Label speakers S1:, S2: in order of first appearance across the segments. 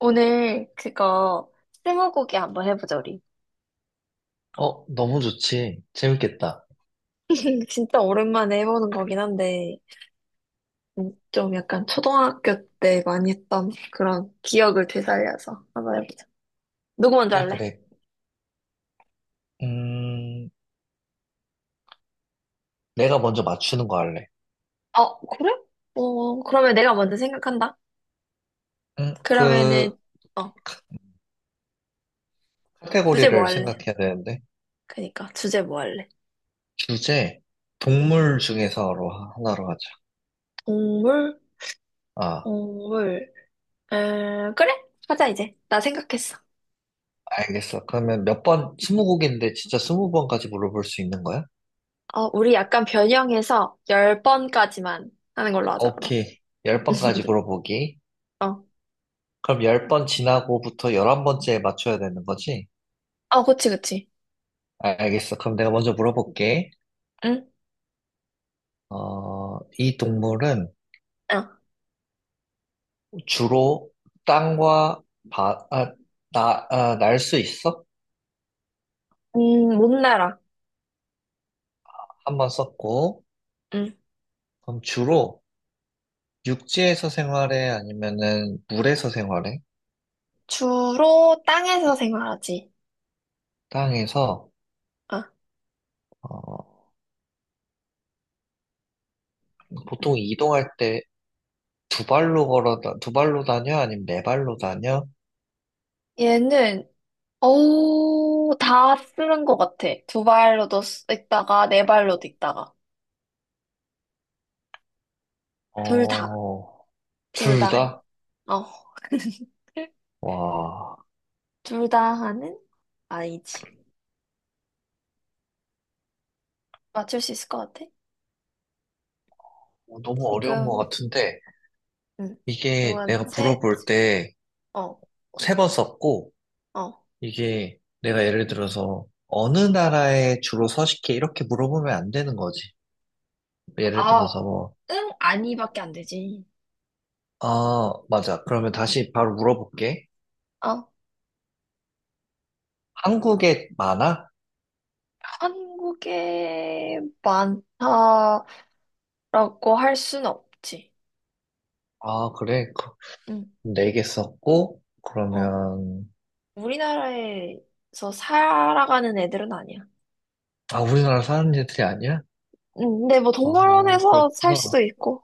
S1: 오늘 그거 스무고개 한번 해보자 우리.
S2: 어, 너무 좋지. 재밌겠다.
S1: 진짜 오랜만에 해보는 거긴 한데 좀 약간 초등학교 때 많이 했던 그런 기억을 되살려서 한번 해보자. 누구 먼저
S2: 그래,
S1: 할래?
S2: 그래. 음, 내가 먼저 맞추는 거 할래.
S1: 어 그래? 어 그러면 내가 먼저 생각한다. 그러면은
S2: 그,
S1: 어
S2: 카-
S1: 주제 뭐
S2: 카테고리를
S1: 할래?
S2: 생각해야 되는데.
S1: 그니까 주제 뭐 할래?
S2: 주제, 동물 중에서로 하나로 하자.
S1: 동물?
S2: 아,
S1: 동물. 그래? 하자 이제. 나 생각했어.
S2: 알겠어. 그러면 몇 번, 스무 곡인데 진짜 스무 번까지 물어볼 수 있는 거야?
S1: 어 우리 약간 변형해서 열 번까지만 하는 걸로 하자 그럼.
S2: 오케이. 열 번까지 물어보기.
S1: 어.
S2: 그럼 열 번 지나고부터 열한 번째에 맞춰야 되는 거지?
S1: 어, 그치, 그치.
S2: 아, 알겠어. 그럼 내가 먼저 물어볼게.
S1: 응?
S2: 어, 이 동물은
S1: 어.
S2: 주로 땅과 바, 아, 나, 아, 날 수 있어?
S1: 못 날아.
S2: 한 번 썼고,
S1: 응.
S2: 그럼 주로 육지에서 생활해? 아니면은 물에서 생활해?
S1: 주로 땅에서 생활하지.
S2: 땅에서,
S1: 어.
S2: 어, 보통 이동할 때 두 발로 걸어, 두 발로 다녀? 아니면 네 발로 다녀?
S1: 얘는, 어우, 다 쓰는 것 같아. 두 발로도 있다가, 네 발로도 있다가. 둘 다.
S2: 어,
S1: 둘
S2: 둘
S1: 다 해.
S2: 다?
S1: 어.
S2: 와,
S1: 둘 다 하는? 아니지. 맞출 수 있을 것 같아?
S2: 너무 어려운 것
S1: 지금,
S2: 같은데,
S1: 응.
S2: 이게 내가
S1: 지금 세,
S2: 물어볼 때
S1: 어,
S2: 세 번 썼고,
S1: 어.
S2: 이게 내가 예를 들어서 어느 나라에 주로 서식해 이렇게 물어보면 안 되는 거지. 예를
S1: 아,
S2: 들어서 뭐,
S1: 응, 아니밖에 안 되지.
S2: 아, 맞아. 그러면 다시 바로 물어볼게.
S1: 어,
S2: 한국에 많아?
S1: 한국에 많다. 라고 할 순 없지.
S2: 아, 그래.
S1: 응,
S2: 네 개 썼고,
S1: 어.
S2: 그러면,
S1: 우리나라에서 살아가는 애들은 아니야.
S2: 아, 우리나라 사는 애들이 아니야?
S1: 응. 근데 뭐
S2: 어,
S1: 동물원에서 살
S2: 그렇구나.
S1: 수도 있고.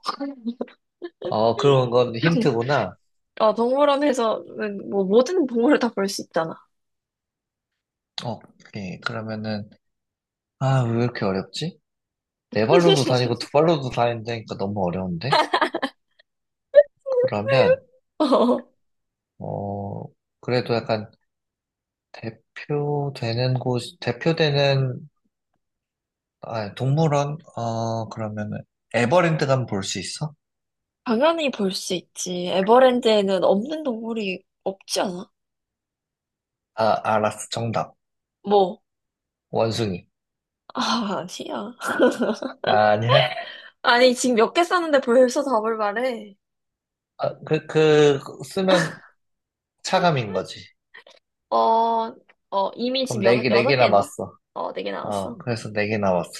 S2: 어, 그런 건 힌트구나.
S1: 어, 동물원에서는 뭐 모든 동물을 다 볼 수 있잖아.
S2: 어, 오케이. 그러면은, 아, 왜 이렇게 어렵지? 네 발로도 다니고 두 발로도 다닌다니까 너무 어려운데? 그러면,
S1: 어,
S2: 어, 그래도 약간 대표되는 곳, 대표되는, 아, 동물원? 어, 그러면은, 에버랜드 가면 볼 수 있어?
S1: 당연히 볼 수 있지. 에버랜드에는 없는 동물이 없지 않아?
S2: 아, 알았어. 정답.
S1: 뭐?
S2: 원숭이.
S1: 아, 아니야.
S2: 아, 아니야?
S1: 아니, 지금 몇 개 쌌는데 벌써 답을 말해.
S2: 아, 그, 쓰면 차감인 거지.
S1: 어, 어, 이미
S2: 그럼
S1: 지금
S2: 네
S1: 여,
S2: 개, 네 개
S1: 여섯 개 했나?
S2: 남았어.
S1: 어, 네 개
S2: 어,
S1: 나왔어.
S2: 그래서 네 개 남았어.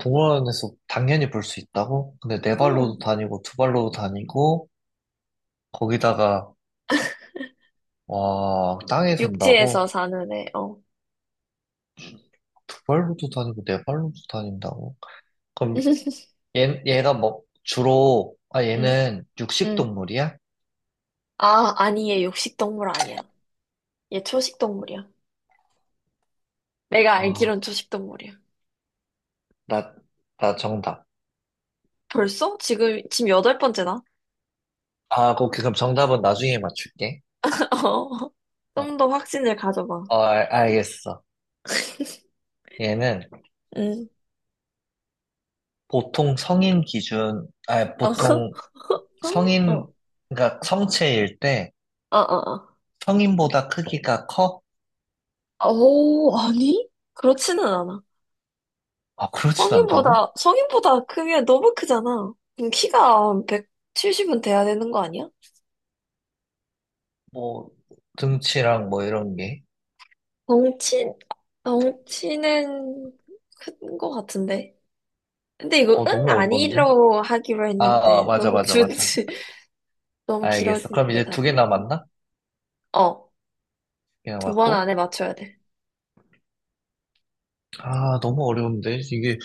S2: 동물원에서 당연히 볼 수 있다고? 근데 네
S1: 어.
S2: 발로도 다니고, 두 발로도 다니고, 거기다가, 와, 땅에 산다고?
S1: 육지에서 사는 애, 어.
S2: 두 발로도 다니고, 네 발로도 다닌다고? 그럼 얘가 뭐, 주로, 아,
S1: 응,
S2: 얘는 육식
S1: 응.
S2: 동물이야?
S1: 아, 아니, 얘 육식동물 아니야. 얘 초식동물이야. 내가
S2: 아,
S1: 알기론 초식동물이야.
S2: 나, 나 정답.
S1: 벌써? 지금, 지금 여덟 번째다?
S2: 아, 그럼 정답은 나중에 맞출게.
S1: 어.
S2: 어,
S1: 좀 더 확신을 가져봐.
S2: 어, 알겠어. 얘는
S1: 응.
S2: 보통 성인 기준, 아,
S1: 어,
S2: 보통
S1: 성? 어,
S2: 성인,
S1: 어,
S2: 그러니까 성체일 때
S1: 어.
S2: 성인보다 크기가 커?
S1: 어. 오, 아니? 그렇지는 않아.
S2: 아, 그렇진 않다고?
S1: 성인보다 크면 너무 크잖아. 그럼 키가 170은 돼야 되는 거 아니야?
S2: 뭐, 등치랑 뭐 이런 게.
S1: 덩치, 덩치는 큰 거 같은데. 근데 이거
S2: 어,
S1: 응
S2: 너무 어려운데?
S1: 아니로 하기로
S2: 아, 아,
S1: 했는데
S2: 맞아,
S1: 너무
S2: 맞아,
S1: 주
S2: 맞아.
S1: 너무
S2: 알겠어. 그럼
S1: 길어지는데
S2: 이제 두 개
S1: 답이
S2: 남았나? 두
S1: 어
S2: 개
S1: 두 번
S2: 남았고.
S1: 안에 맞춰야 돼
S2: 아, 너무 어려운데? 이게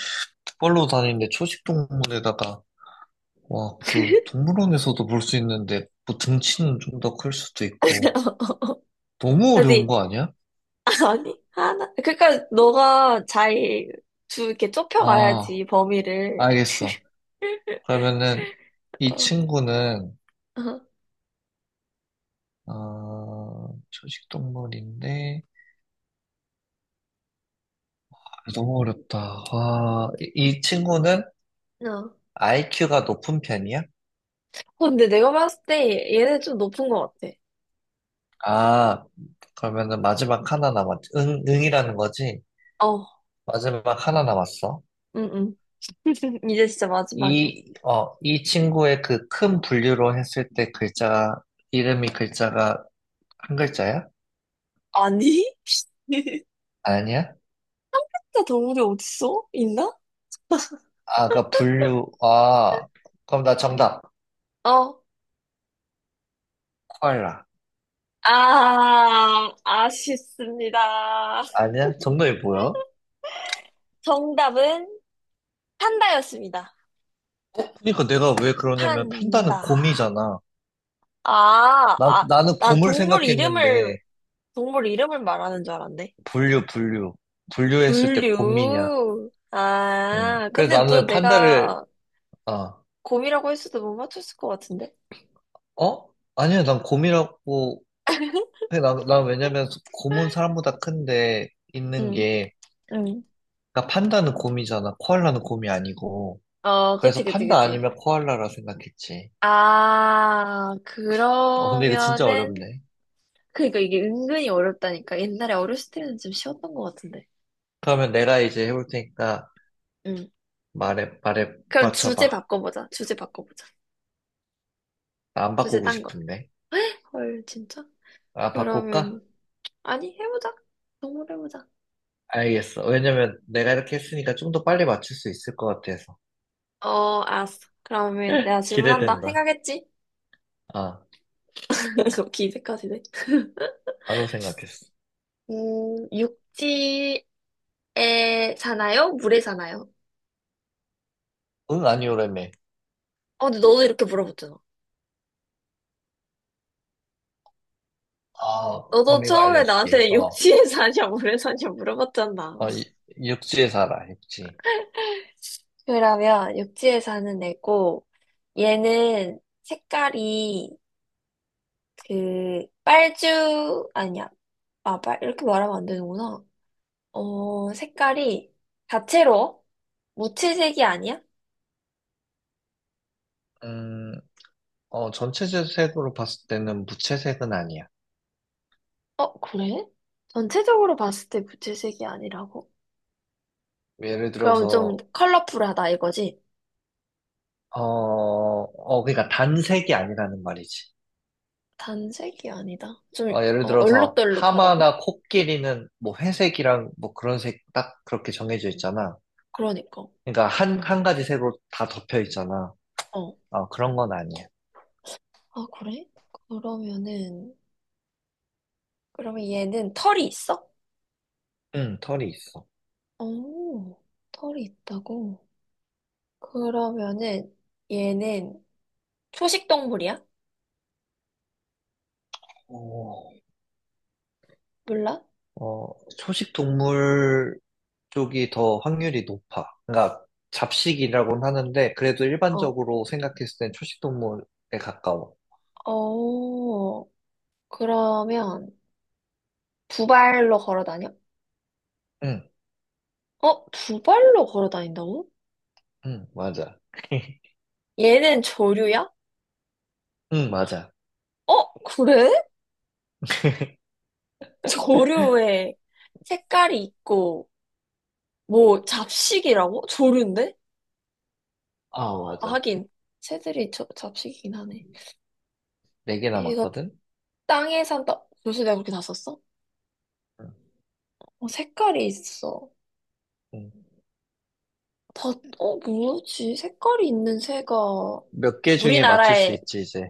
S2: 투발로 다니는데 초식동물에다가, 와, 그, 동물원에서도 볼 수 있는데, 뭐 등치는 좀 더 클 수도 있고. 너무 어려운
S1: 아니
S2: 거 아니야?
S1: 아니 하나 그러니까 너가 잘 주 이렇게
S2: 아,
S1: 좁혀가야지 범위를
S2: 알겠어. 그러면은, 이
S1: 어,
S2: 친구는,
S1: 어.
S2: 어, 초식동물인데, 아, 너무 어렵다. 와, 이 친구는
S1: 어.
S2: IQ가 높은 편이야?
S1: 근데 내가 봤을 때 얘는 좀 높은 것 같아
S2: 아, 그러면은 마지막 하나 남았지. 응, 응이라는 거지?
S1: 어
S2: 마지막 하나 남았어.
S1: 응응 이제 진짜 마지막이야
S2: 이 친구의 그 큰 분류로 했을 때 글자, 이름이 글자가 한 글자야?
S1: 아니
S2: 아니야?
S1: 진짜 동물이 어딨어 있나
S2: 아, 그 분류, 아, 그럼 나 정답,
S1: 어
S2: 코알라.
S1: 아 아쉽습니다
S2: 아니야? 정답이 뭐야?
S1: 정답은 판다였습니다.
S2: 그러니까 내가 왜 그러냐면 판다는
S1: 판다.
S2: 곰이잖아.
S1: 아,
S2: 나,
S1: 아,
S2: 나는
S1: 난
S2: 곰을
S1: 동물 이름을,
S2: 생각했는데,
S1: 동물 이름을 말하는 줄 알았네.
S2: 분류, 분류. 분류했을 때 곰이냐.
S1: 분류.
S2: 음.
S1: 아,
S2: 그래서
S1: 근데 너
S2: 나는 판다를,
S1: 내가
S2: 어,
S1: 곰이라고 했어도 못 맞췄을 것 같은데?
S2: 어? 아니야, 난 곰이라고, 해. 난 왜냐면 곰은 사람보다 큰데, 있는
S1: 응,
S2: 게,
S1: 응.
S2: 그러니까 판다는 곰이잖아. 코알라는 곰이 아니고.
S1: 어, 그치,
S2: 그래서
S1: 그치,
S2: 판다
S1: 그치.
S2: 아니면 코알라라 생각했지.
S1: 아,
S2: 어, 근데 이거 진짜
S1: 그러면은,
S2: 어렵네.
S1: 그니까 이게 은근히 어렵다니까. 옛날에 어렸을 때는 좀 쉬웠던 것 같은데.
S2: 그러면 내가 이제 해볼 테니까
S1: 응.
S2: 말해, 말해,
S1: 그럼 주제
S2: 맞춰봐.
S1: 바꿔보자. 주제 바꿔보자.
S2: 나 안
S1: 주제
S2: 바꾸고
S1: 딴 거.
S2: 싶은데.
S1: 헐, 진짜?
S2: 아, 바꿀까?
S1: 그러면, 아니, 해보자. 정말 해보자.
S2: 알겠어. 왜냐면 내가 이렇게 했으니까 좀 더 빨리 맞출 수 있을 것 같아서.
S1: 어, 알았어. 그러면 내가 질문한다.
S2: 기대된다.
S1: 생각했지?
S2: 아,
S1: 그렇게 기색까지네.
S2: 바로 생각했어.
S1: 육지에 사나요? 물에 사나요?
S2: 응, 아니오라며.
S1: 어, 근데 너도 이렇게 물어봤잖아.
S2: 아,
S1: 너도
S2: 범위가
S1: 처음에
S2: 알려줄게.
S1: 나한테
S2: 어,
S1: 육지에 사냐, 물에 사냐 물어봤잖아.
S2: 어, 육지에 살아, 육지.
S1: 그러면 육지에 사는 애고, 얘는 색깔이 그 빨주 아니야. 아, 빨 이렇게 말하면 안 되는구나. 어, 색깔이 다채로워? 무채색이 아니야?
S2: 음, 어, 전체 색으로 봤을 때는 무채색은 아니야.
S1: 어, 그래? 전체적으로 봤을 때 무채색이 아니라고?
S2: 예를
S1: 그럼 좀
S2: 들어서,
S1: 컬러풀하다 이거지?
S2: 어, 어, 그러니까 단색이 아니라는 말이지.
S1: 단색이 아니다. 좀,
S2: 어, 예를
S1: 어,
S2: 들어서
S1: 얼룩덜룩하다고?
S2: 하마나 코끼리는 뭐 회색이랑 뭐 그런 색 딱 그렇게 정해져 있잖아.
S1: 그러니까.
S2: 그러니까 한 가지 색으로 다 덮여 있잖아.
S1: 어.
S2: 어, 그런 건 아니야.
S1: 아, 그래? 그러면은, 그러면 얘는 털이 있어?
S2: 응, 털이 있어.
S1: 오, 털이 있다고? 그러면은, 얘는 초식 동물이야?
S2: 어,
S1: 몰라?
S2: 어, 초식 동물 쪽이 더 확률이 높아. 그러니까 잡식이라고는 하는데 그래도
S1: 어.
S2: 일반적으로 생각했을 땐 초식 동물에 가까워.
S1: 어, 그러면, 두 발로 걸어 다녀?
S2: 응,
S1: 어, 두 발로 걸어 다닌다고?
S2: 응, 맞아.
S1: 얘는 조류야?
S2: 응, 맞아.
S1: 어, 그래? 조류에 색깔이 있고, 뭐, 잡식이라고? 조류인데?
S2: 아,
S1: 아,
S2: 맞아.
S1: 하긴, 새들이 저, 잡식이긴 하네.
S2: 네 개
S1: 얘가
S2: 남았거든?
S1: 땅에 산다. 벌써 내가 그렇게 다 썼어? 어, 색깔이 있어. 다, 어, 뭐지? 색깔이 있는 새가
S2: 몇 개 중에 맞출 수
S1: 우리나라에,
S2: 있지, 이제.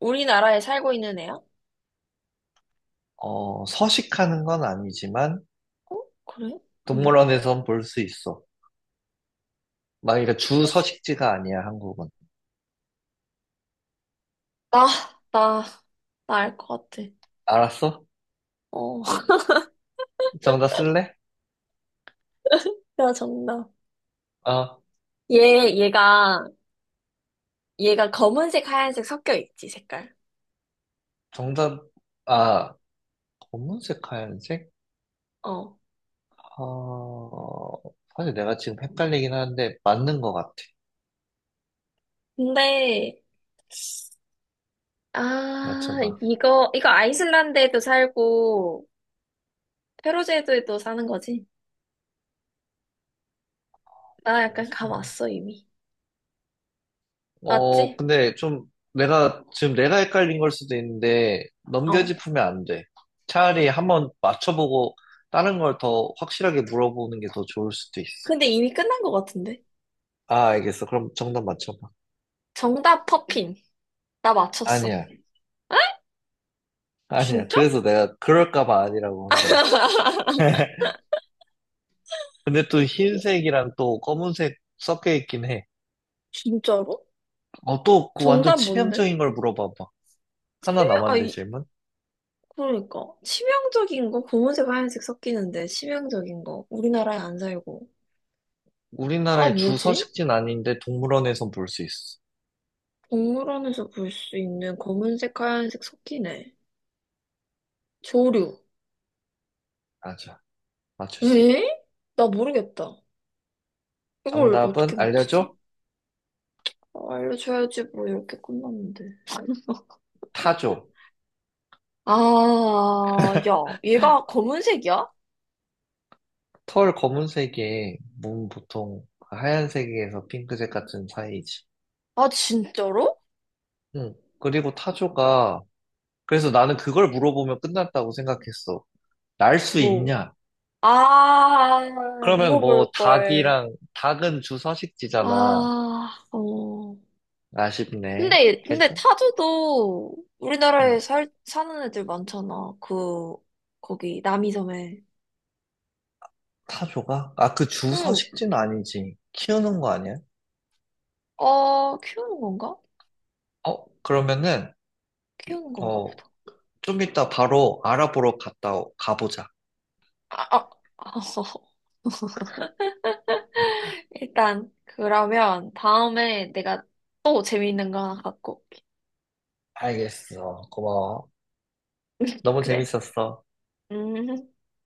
S1: 우리나라에 살고 있는 애야?
S2: 어, 서식하는 건 아니지만,
S1: 어, 그래? 응.
S2: 동물원에선 볼 수 있어. 막, 그러니까 주
S1: 혹시,
S2: 서식지가 아니야, 한국은.
S1: 나, 나, 나 알 것 같아.
S2: 알았어?
S1: 어,
S2: 정답 쓸래?
S1: 나 정답.
S2: 어,
S1: 얘, 얘가, 얘가 검은색, 하얀색 섞여 있지, 색깔.
S2: 정답, 아, 검은색, 하얀색?
S1: 어.
S2: 어, 사실 내가 지금 헷갈리긴 하는데, 맞는 것 같아.
S1: 근데, 아,
S2: 맞춰봐.
S1: 이거 아이슬란드에도 살고, 페루제도에도 사는 거지? 나 약간 감 왔어, 이미. 맞지?
S2: 어, 근데 좀 내가, 지금 내가 헷갈린 걸 수도 있는데,
S1: 어.
S2: 넘겨짚으면 안 돼. 차라리 한번 맞춰보고, 다른 걸 더 확실하게 물어보는 게 더 좋을 수도 있어.
S1: 근데 이미 끝난 것 같은데?
S2: 아, 알겠어. 그럼 정답 맞춰봐.
S1: 정답, 퍼핀. 나 맞췄어.
S2: 아니야. 아니야.
S1: 진짜?
S2: 그래서 내가 그럴까 봐 아니라고 한 거야. 근데 또 흰색이랑 또 검은색 섞여 있긴 해.
S1: 진짜로?
S2: 어, 또그 완전
S1: 정답 뭔데?
S2: 치명적인 걸 물어봐봐. 하나
S1: 치명, 아,
S2: 남았는데 질문?
S1: 그러니까 치명적인 거 검은색 하얀색 섞이는데 치명적인 거 우리나라에 안 살고 아
S2: 우리나라의 주
S1: 뭐지?
S2: 서식지는 아닌데 동물원에선 볼 수 있어.
S1: 동물원에서 볼 수 있는 검은색 하얀색 섞이네 조류
S2: 맞아. 맞출 수 있어.
S1: 에? 나 모르겠다 이걸
S2: 정답은
S1: 어떻게
S2: 알려줘?
S1: 맞추지? 아, 알려줘야지 뭐 이렇게 끝났는데
S2: 타조.
S1: 아, 야, 얘가 검은색이야?
S2: 털 검은색에 몸 보통 하얀색에서 핑크색 같은 사이지.
S1: 아, 진짜로?
S2: 응. 그리고 타조가 그래서 나는 그걸 물어보면 끝났다고 생각했어. 날 수
S1: 뭐?
S2: 있냐?
S1: 아,
S2: 그러면
S1: 물어볼
S2: 뭐
S1: 걸.
S2: 닭이랑 닭은 주서식지잖아.
S1: 아, 어.
S2: 아쉽네.
S1: 근데, 근데
S2: 괜찮?
S1: 타조도
S2: 응.
S1: 우리나라에 살, 사는 애들 많잖아. 그, 거기, 남이섬에.
S2: 타조가? 아, 그
S1: 응,
S2: 주서식지는 아니지. 키우는 거 아니야?
S1: 어, 키우는 건가?
S2: 어, 그러면은
S1: 키우는 건가
S2: 어,
S1: 보다.
S2: 좀 이따 바로 알아보러 갔다 가보자.
S1: 아, 아, 일단, 그러면 다음에 내가 또 재미있는 거 하나 갖고. 올게.
S2: 알겠어. 고마워. 너무
S1: 그래.
S2: 재밌었어.
S1: 음.